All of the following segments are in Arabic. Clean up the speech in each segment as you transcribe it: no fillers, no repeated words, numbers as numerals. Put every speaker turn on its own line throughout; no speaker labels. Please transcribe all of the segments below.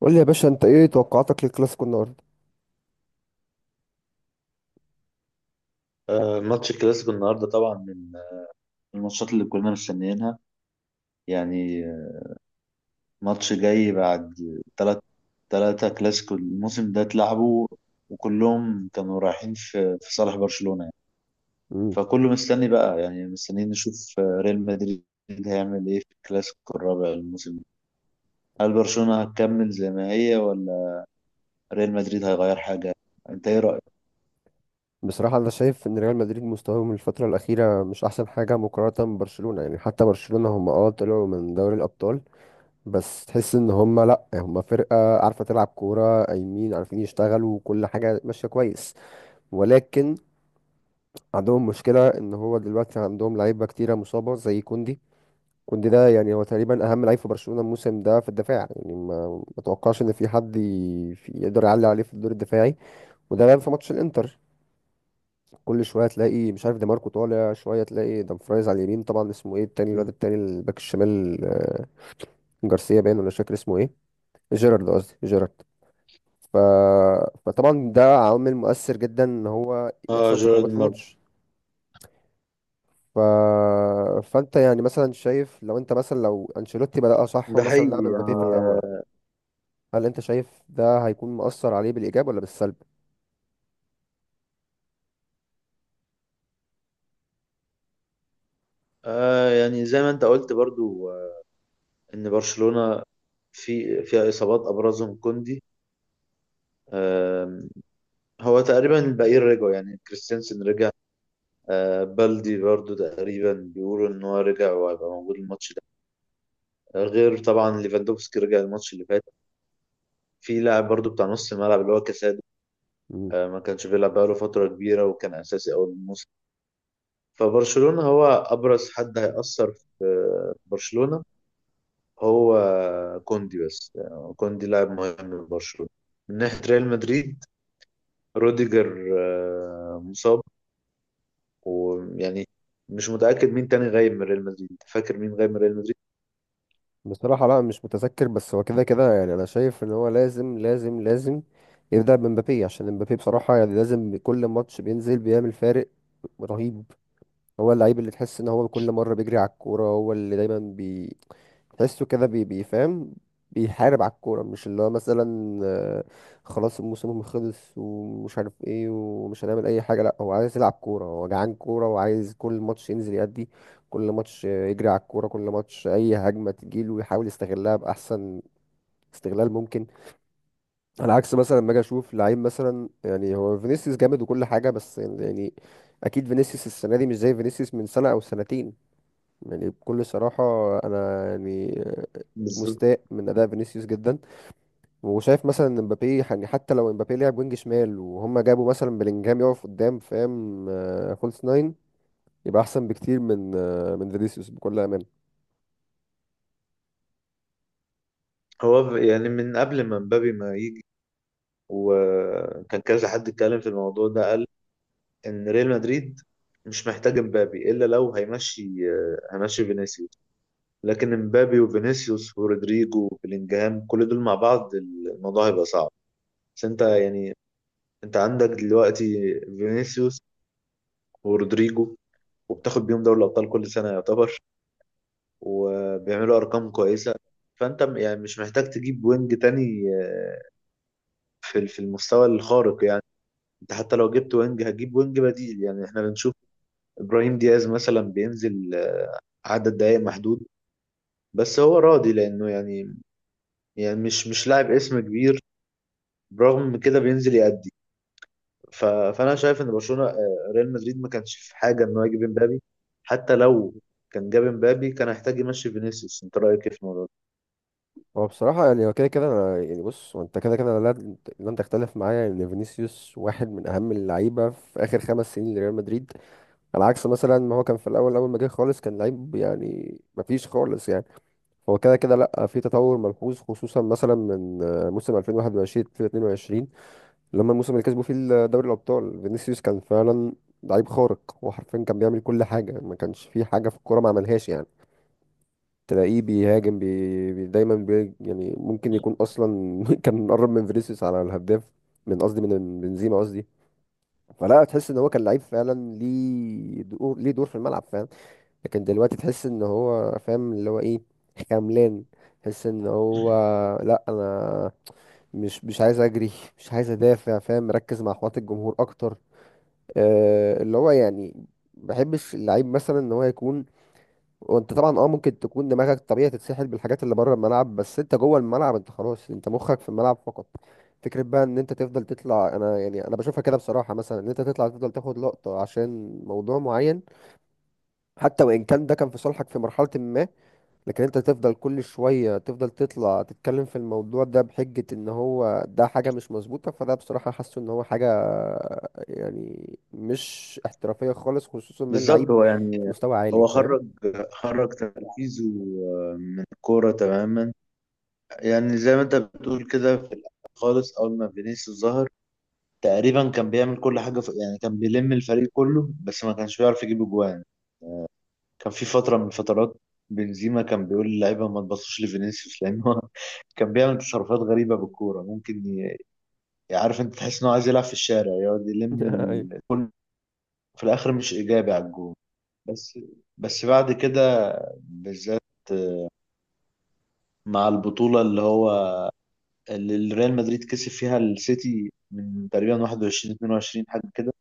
قول لي يا باشا، انت ايه توقعاتك للكلاسيكو النهارده؟
ماتش الكلاسيكو النهارده طبعا من الماتشات اللي كنا مستنيينها. يعني ماتش جاي بعد تلات تلاتة كلاسيكو الموسم ده اتلعبوا، وكلهم كانوا رايحين في صالح برشلونة يعني.
امم.
فكله مستني بقى، يعني مستنيين نشوف ريال مدريد هيعمل ايه في الكلاسيكو الرابع الموسم ده. هل برشلونة هتكمل زي ما هي، ولا ريال مدريد هيغير حاجة؟ انت ايه رأيك؟
بصراحه انا شايف ان ريال مدريد مستواهم الفتره الاخيره مش احسن حاجه مقارنه ببرشلونه، يعني حتى برشلونه هم طلعوا من دوري الابطال. بس تحس ان هم، لا، هم فرقه عارفه تلعب كوره، قايمين عارفين يشتغلوا وكل حاجه ماشيه كويس. ولكن عندهم مشكله ان هو دلوقتي عندهم لعيبه كتيره مصابه زي كوندي. كوندي ده يعني هو تقريبا اهم لعيب في برشلونه الموسم ده في الدفاع، يعني ما اتوقعش ان في حد يقدر يعلي عليه في الدور الدفاعي. وده بان في ماتش الانتر. كل شويه تلاقي مش عارف دي ماركو طالع، شويه تلاقي دامفرايز على اليمين، طبعا اسمه ايه التاني، الواد التاني الباك الشمال، جارسيا باين ولا مش فاكر اسمه ايه. جيرارد قصدي، جيرارد. ف... فطبعا ده عامل مؤثر جدا ان هو
اه،
يحصل
جيرارد
تقلبات في
مارتن
الماتش. ف... فانت يعني مثلا شايف لو انت مثلا لو انشيلوتي بدأ صح
ده
ومثلا
حقيقي
لعب مبابي في الاول،
يعني.
هل انت شايف ده هيكون مؤثر عليه بالايجاب ولا بالسلب؟
يعني زي ما انت قلت برضو ان برشلونة فيها اصابات ابرزهم كوندي. آم، هو تقريبا الباقيين رجعوا، يعني كريستيانسن رجع، بالدي برضو تقريبا بيقولوا ان هو رجع وهيبقى موجود الماتش ده، غير طبعا ليفاندوفسكي رجع الماتش اللي فات. في لاعب برضو بتاع نص الملعب اللي هو كاسادو، ما كانش بيلعب بقاله فترة كبيرة وكان اساسي اول الموسم. فبرشلونة هو ابرز حد هيأثر في برشلونة هو كوندي، بس يعني كوندي لاعب مهم لبرشلونة. من ناحية ريال مدريد، روديجر مصاب. ويعني مش متأكد مين تاني غايب من ريال مدريد، فاكر مين غايب من ريال مدريد؟
بصراحة لا مش متذكر، بس هو كده كده يعني أنا شايف إن هو لازم لازم لازم يبدأ بمبابي، عشان مبابي بصراحة يعني لازم كل ماتش بينزل بيعمل فارق رهيب. هو اللعيب اللي تحس ان هو كل مره بيجري على الكوره، هو اللي دايما بي تحسه كده بي بيفهم، بيحارب على الكوره، مش اللي هو مثلا خلاص الموسم خلص ومش عارف ايه ومش هنعمل اي حاجه. لا، هو عايز يلعب كوره، هو جعان كوره وعايز كل ماتش ينزل يأدي. كل ماتش يجري على الكوره، كل ماتش اي هجمه تجيله ويحاول يستغلها باحسن استغلال ممكن. على عكس مثلا لما اجي اشوف لعيب مثلا، يعني هو فينيسيوس جامد وكل حاجه، بس يعني اكيد فينيسيوس السنه دي مش زي فينيسيوس من سنه او سنتين. يعني بكل صراحة، أنا يعني
بالظبط.
مستاء من أداء فينيسيوس جدا، وشايف مثلا إن مبابي يعني حتى لو مبابي لعب وينج شمال وهم جابوا مثلا بلينجهام يقف قدام، فاهم، فولس ناين، يبقى أحسن بكتير من فينيسيوس بكل أمانة.
هو يعني من قبل ما مبابي ما يجي وكان كذا حد اتكلم في الموضوع ده، قال ان ريال مدريد مش محتاج مبابي الا لو هيمشي، هيمشي فينيسيوس. لكن مبابي وفينيسيوس ورودريجو وبلينجهام كل دول مع بعض الموضوع هيبقى صعب. بس انت يعني، انت عندك دلوقتي فينيسيوس ورودريجو، وبتاخد بيهم دوري الابطال كل سنه يعتبر، وبيعملوا ارقام كويسه. فانت يعني مش محتاج تجيب وينج تاني، في في المستوى الخارق يعني. انت حتى لو جبت وينج هتجيب وينج بديل، يعني احنا بنشوف ابراهيم دياز مثلا بينزل عدد دقائق محدود، بس هو راضي لانه يعني، يعني مش لاعب اسم كبير، برغم كده بينزل يأدي. فانا شايف ان برشلونه، ريال مدريد ما كانش في حاجه انه يجيب امبابي، حتى لو كان جاب امبابي كان هيحتاج يمشي فينيسيوس. انت رايك ايه في الموضوع ده؟
هو بصراحة يعني هو كده كده أنا يعني بص، هو أنت كده كده لا لن تختلف معايا إن فينيسيوس واحد من أهم اللعيبة في آخر خمس سنين لريال مدريد. على عكس مثلا ما هو كان في الأول، أول ما جه خالص كان لعيب يعني مفيش خالص يعني. هو كده كده لا في تطور ملحوظ خصوصا مثلا من موسم 2021 2022، لما الموسم اللي كسبوا فيه دوري الابطال فينيسيوس كان فعلا لعيب خارق وحرفيا كان بيعمل كل حاجه، ما كانش في حاجه في الكوره ما عملهاش يعني. تلاقيه بيهاجم بي دايما. يعني ممكن يكون اصلا كان قرب من فينيسيوس على الهداف، من بنزيما قصدي. فلا تحس ان هو كان لعيب فعلا، ليه دور ليه دور في الملعب فعلا. لكن دلوقتي تحس ان هو فاهم اللي هو ايه، خملان. تحس ان هو لا انا مش عايز اجري، مش عايز ادافع، فاهم، مركز مع احوات الجمهور اكتر. أه اللي هو يعني ما بحبش اللعيب مثلا ان هو يكون. وانت طبعا اه ممكن تكون دماغك طبيعي تتسحل بالحاجات اللي بره الملعب، بس انت جوه الملعب انت خلاص، انت مخك في الملعب فقط. فكرة بقى ان انت تفضل تطلع، انا يعني انا بشوفها كده بصراحة، مثلا ان انت تطلع تفضل تاخد لقطة عشان موضوع معين، حتى وان كان ده كان في صالحك في مرحلة ما، لكن انت تفضل كل شوية تفضل تطلع تتكلم في الموضوع ده بحجة ان هو ده حاجة مش مظبوطة، فده بصراحة حاسه ان هو حاجة يعني مش احترافية خالص خصوصا من
بالظبط.
لعيب
هو
في
يعني،
مستوى عالي
هو
فاهم.
خرج تركيزه من الكورة تماما. يعني زي ما انت بتقول كده، في الأول خالص أول ما فينيسيوس ظهر تقريبا كان بيعمل كل حاجة في، يعني كان بيلم الفريق كله بس ما كانش بيعرف يجيب أجوان. كان في فترة من الفترات بنزيما كان بيقول للعيبة ما تبصوش لفينيسيوس، لأن هو كان بيعمل تصرفات غريبة بالكورة ممكن عارف، انت تحس إن هو عايز يلعب في الشارع، يقعد يلم
أيوة.
كل، في الآخر مش إيجابي على الجول. بس بس بعد كده بالذات، مع البطولة اللي هو، اللي ريال مدريد كسب فيها السيتي من تقريبا 21 22 حاجة كده،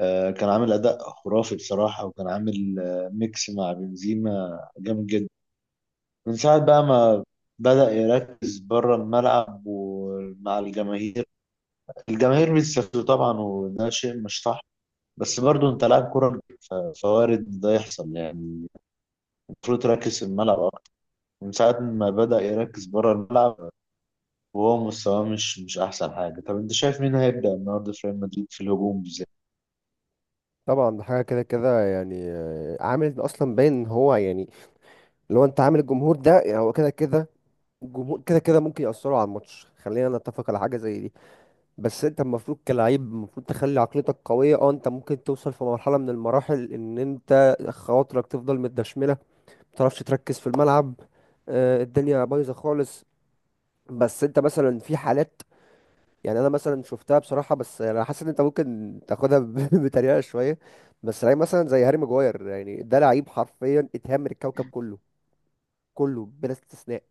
كان عامل أداء خرافي بصراحة، وكان عامل ميكس مع بنزيما جامد جدا. من ساعة بقى ما بدأ يركز بره الملعب ومع الجماهير. الجماهير بيستفزوا طبعا وده شيء مش صح، بس برضه انت لاعب كرة، فوارد ده يحصل يعني. المفروض تركز في الملعب. من ساعة ما بدأ يركز بره الملعب وهو مستواه مش أحسن حاجة. طب أنت شايف مين هيبدأ النهاردة في ريال مدريد في الهجوم بالذات؟
طبعا ده حاجة كده كده يعني عامل اصلا باين ان هو يعني لو انت عامل الجمهور ده يعني هو كده كده الجمهور كده كده ممكن يأثروا على الماتش، خلينا نتفق على حاجة زي دي. بس انت المفروض كلاعب المفروض تخلي عقليتك قوية. اه انت ممكن توصل في مرحلة من المراحل ان انت خواطرك تفضل متدشملة، متعرفش تركز في الملعب، اه الدنيا بايظة خالص، بس انت مثلا في حالات يعني انا مثلا شفتها بصراحة، بس انا حاسس ان انت ممكن تاخدها بطريقة شوية. بس لعيب مثلا زي هاري ماجواير، يعني ده لعيب حرفيا اتهمر الكوكب كله، كله بلا استثناء.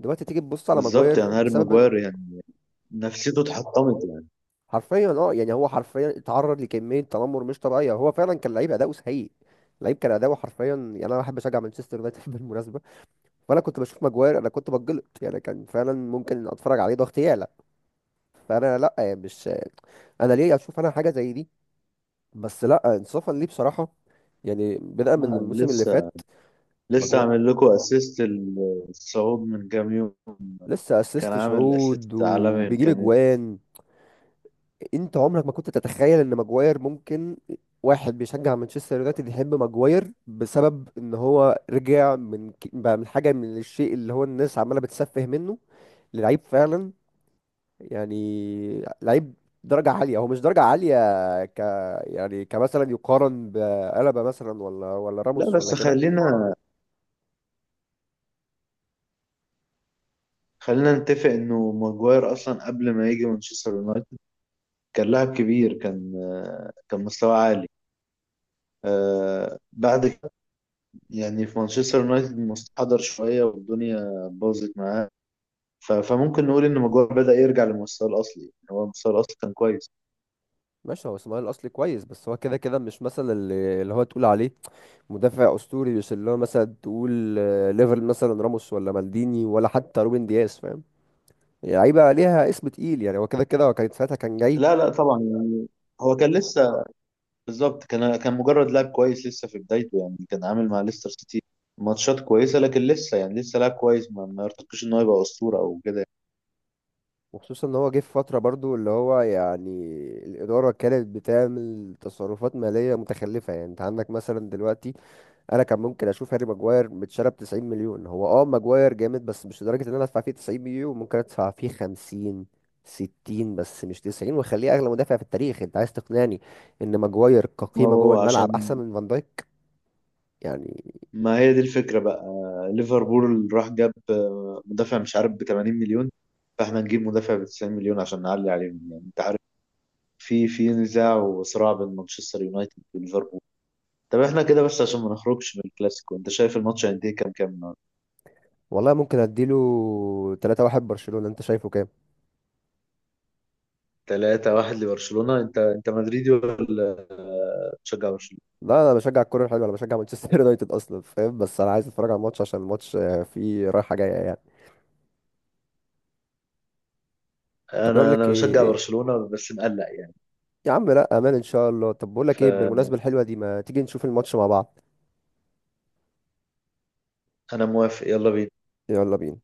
دلوقتي تيجي تبص على
بالظبط،
ماجواير
يعني هاري
بسبب
ماجواير يعني نفسيته اتحطمت يعني.
حرفيا اه يعني هو حرفيا اتعرض لكميه تنمر مش طبيعيه، هو فعلا كان لعيب اداؤه سيء، لعيب كان اداؤه حرفيا. يعني انا بحب اشجع مانشستر يونايتد بالمناسبه، فانا كنت بشوف ماجواير انا كنت بتجلط يعني، كان فعلا ممكن اتفرج عليه ضغط يعلى. فانا لا يعني مش انا ليه اشوف انا حاجه زي دي، بس لا انصافا ليه بصراحه، يعني بدأ من
آه،
الموسم اللي
لسه
فات.
لسه
ماجواير
عامل لكم اسيست الصعود من كام يوم،
لسه
كان
اسيست
عامل
شعود
اسيست عالمي من
وبيجيب
كام يوم.
اجوان. انت عمرك ما كنت تتخيل ان ماجواير ممكن، واحد بيشجع مانشستر يونايتد يحب ماجواير بسبب ان هو رجع من بقى من حاجه، من الشيء اللي هو الناس عماله بتسفه منه للعيب فعلا. يعني لعيب درجه عاليه، هو مش درجه عاليه، ك يعني كمثلا يقارن بألابا مثلا ولا
لا،
راموس ولا
بس
كده.
خلينا نتفق انه ماجواير اصلا قبل ما يجي مانشستر يونايتد كان لاعب كبير، كان مستواه عالي. بعد يعني في مانشستر يونايتد مستحضر شوية والدنيا باظت معاه. فممكن نقول إن ماجواير بدأ يرجع لمستواه الأصلي. يعني هو مستواه الأصلي كان كويس.
ماشي هو اسماعيل الاصلي كويس، بس هو كده كده مش مثلا اللي هو تقول عليه مدافع اسطوري بيوصل له، مثلا تقول ليفل مثلا راموس ولا مالديني ولا حتى روبن دياز فاهم، يعني لعيبه ليها اسم تقيل، يعني هو كده كده هو كان ساعتها كان جاي.
لا لا، طبعا يعني، هو كان لسه، بالظبط، كان مجرد لاعب كويس لسه في بدايته، يعني كان عامل مع ليستر سيتي ماتشات كويسة، لكن لسه يعني لسه لاعب كويس ما يرتقيش إن هو يبقى أسطورة أو كده.
وخصوصا ان هو جه في فتره برضو اللي هو يعني الاداره كانت بتعمل تصرفات ماليه متخلفه، يعني انت عندك مثلا دلوقتي انا كان ممكن اشوف هاري ماجواير متشرب 90 مليون. هو اه ماجواير جامد بس مش لدرجه ان انا ادفع فيه 90 مليون. ممكن ادفع فيه 50 60 بس مش 90 واخليه اغلى مدافع في التاريخ. انت عايز تقنعني ان ماجواير
ما
كقيمه جوه
هو
الملعب
عشان،
احسن من فان دايك يعني؟
ما هي دي الفكرة بقى. ليفربول راح جاب مدافع مش عارف ب 80 مليون، فاحنا نجيب مدافع ب 90 مليون عشان نعلي عليهم يعني. انت عارف في نزاع وصراع بين مانشستر يونايتد وليفربول. طب احنا كده بس عشان ما نخرجش من الكلاسيكو، انت شايف الماتش قد ايه، كام النهارده؟
والله ممكن اديله 3-1 برشلونه، انت شايفه كام؟
3-1 لبرشلونة. انت مدريدي ولا بتشجع برشلونة؟
لا انا بشجع الكوره الحلوه، انا بشجع مانشستر يونايتد اصلا فاهم، بس انا عايز اتفرج على الماتش عشان الماتش فيه رايحه جايه يعني. طب
انا انا بشجع
إيه؟
برشلونة بس مقلق يعني.
يا عم لا امان ان شاء الله. طب بقول لك ايه
فانا
بالمناسبه الحلوه دي، ما تيجي نشوف الماتش مع بعض؟
موافق، يلا بينا.
يلا بينا.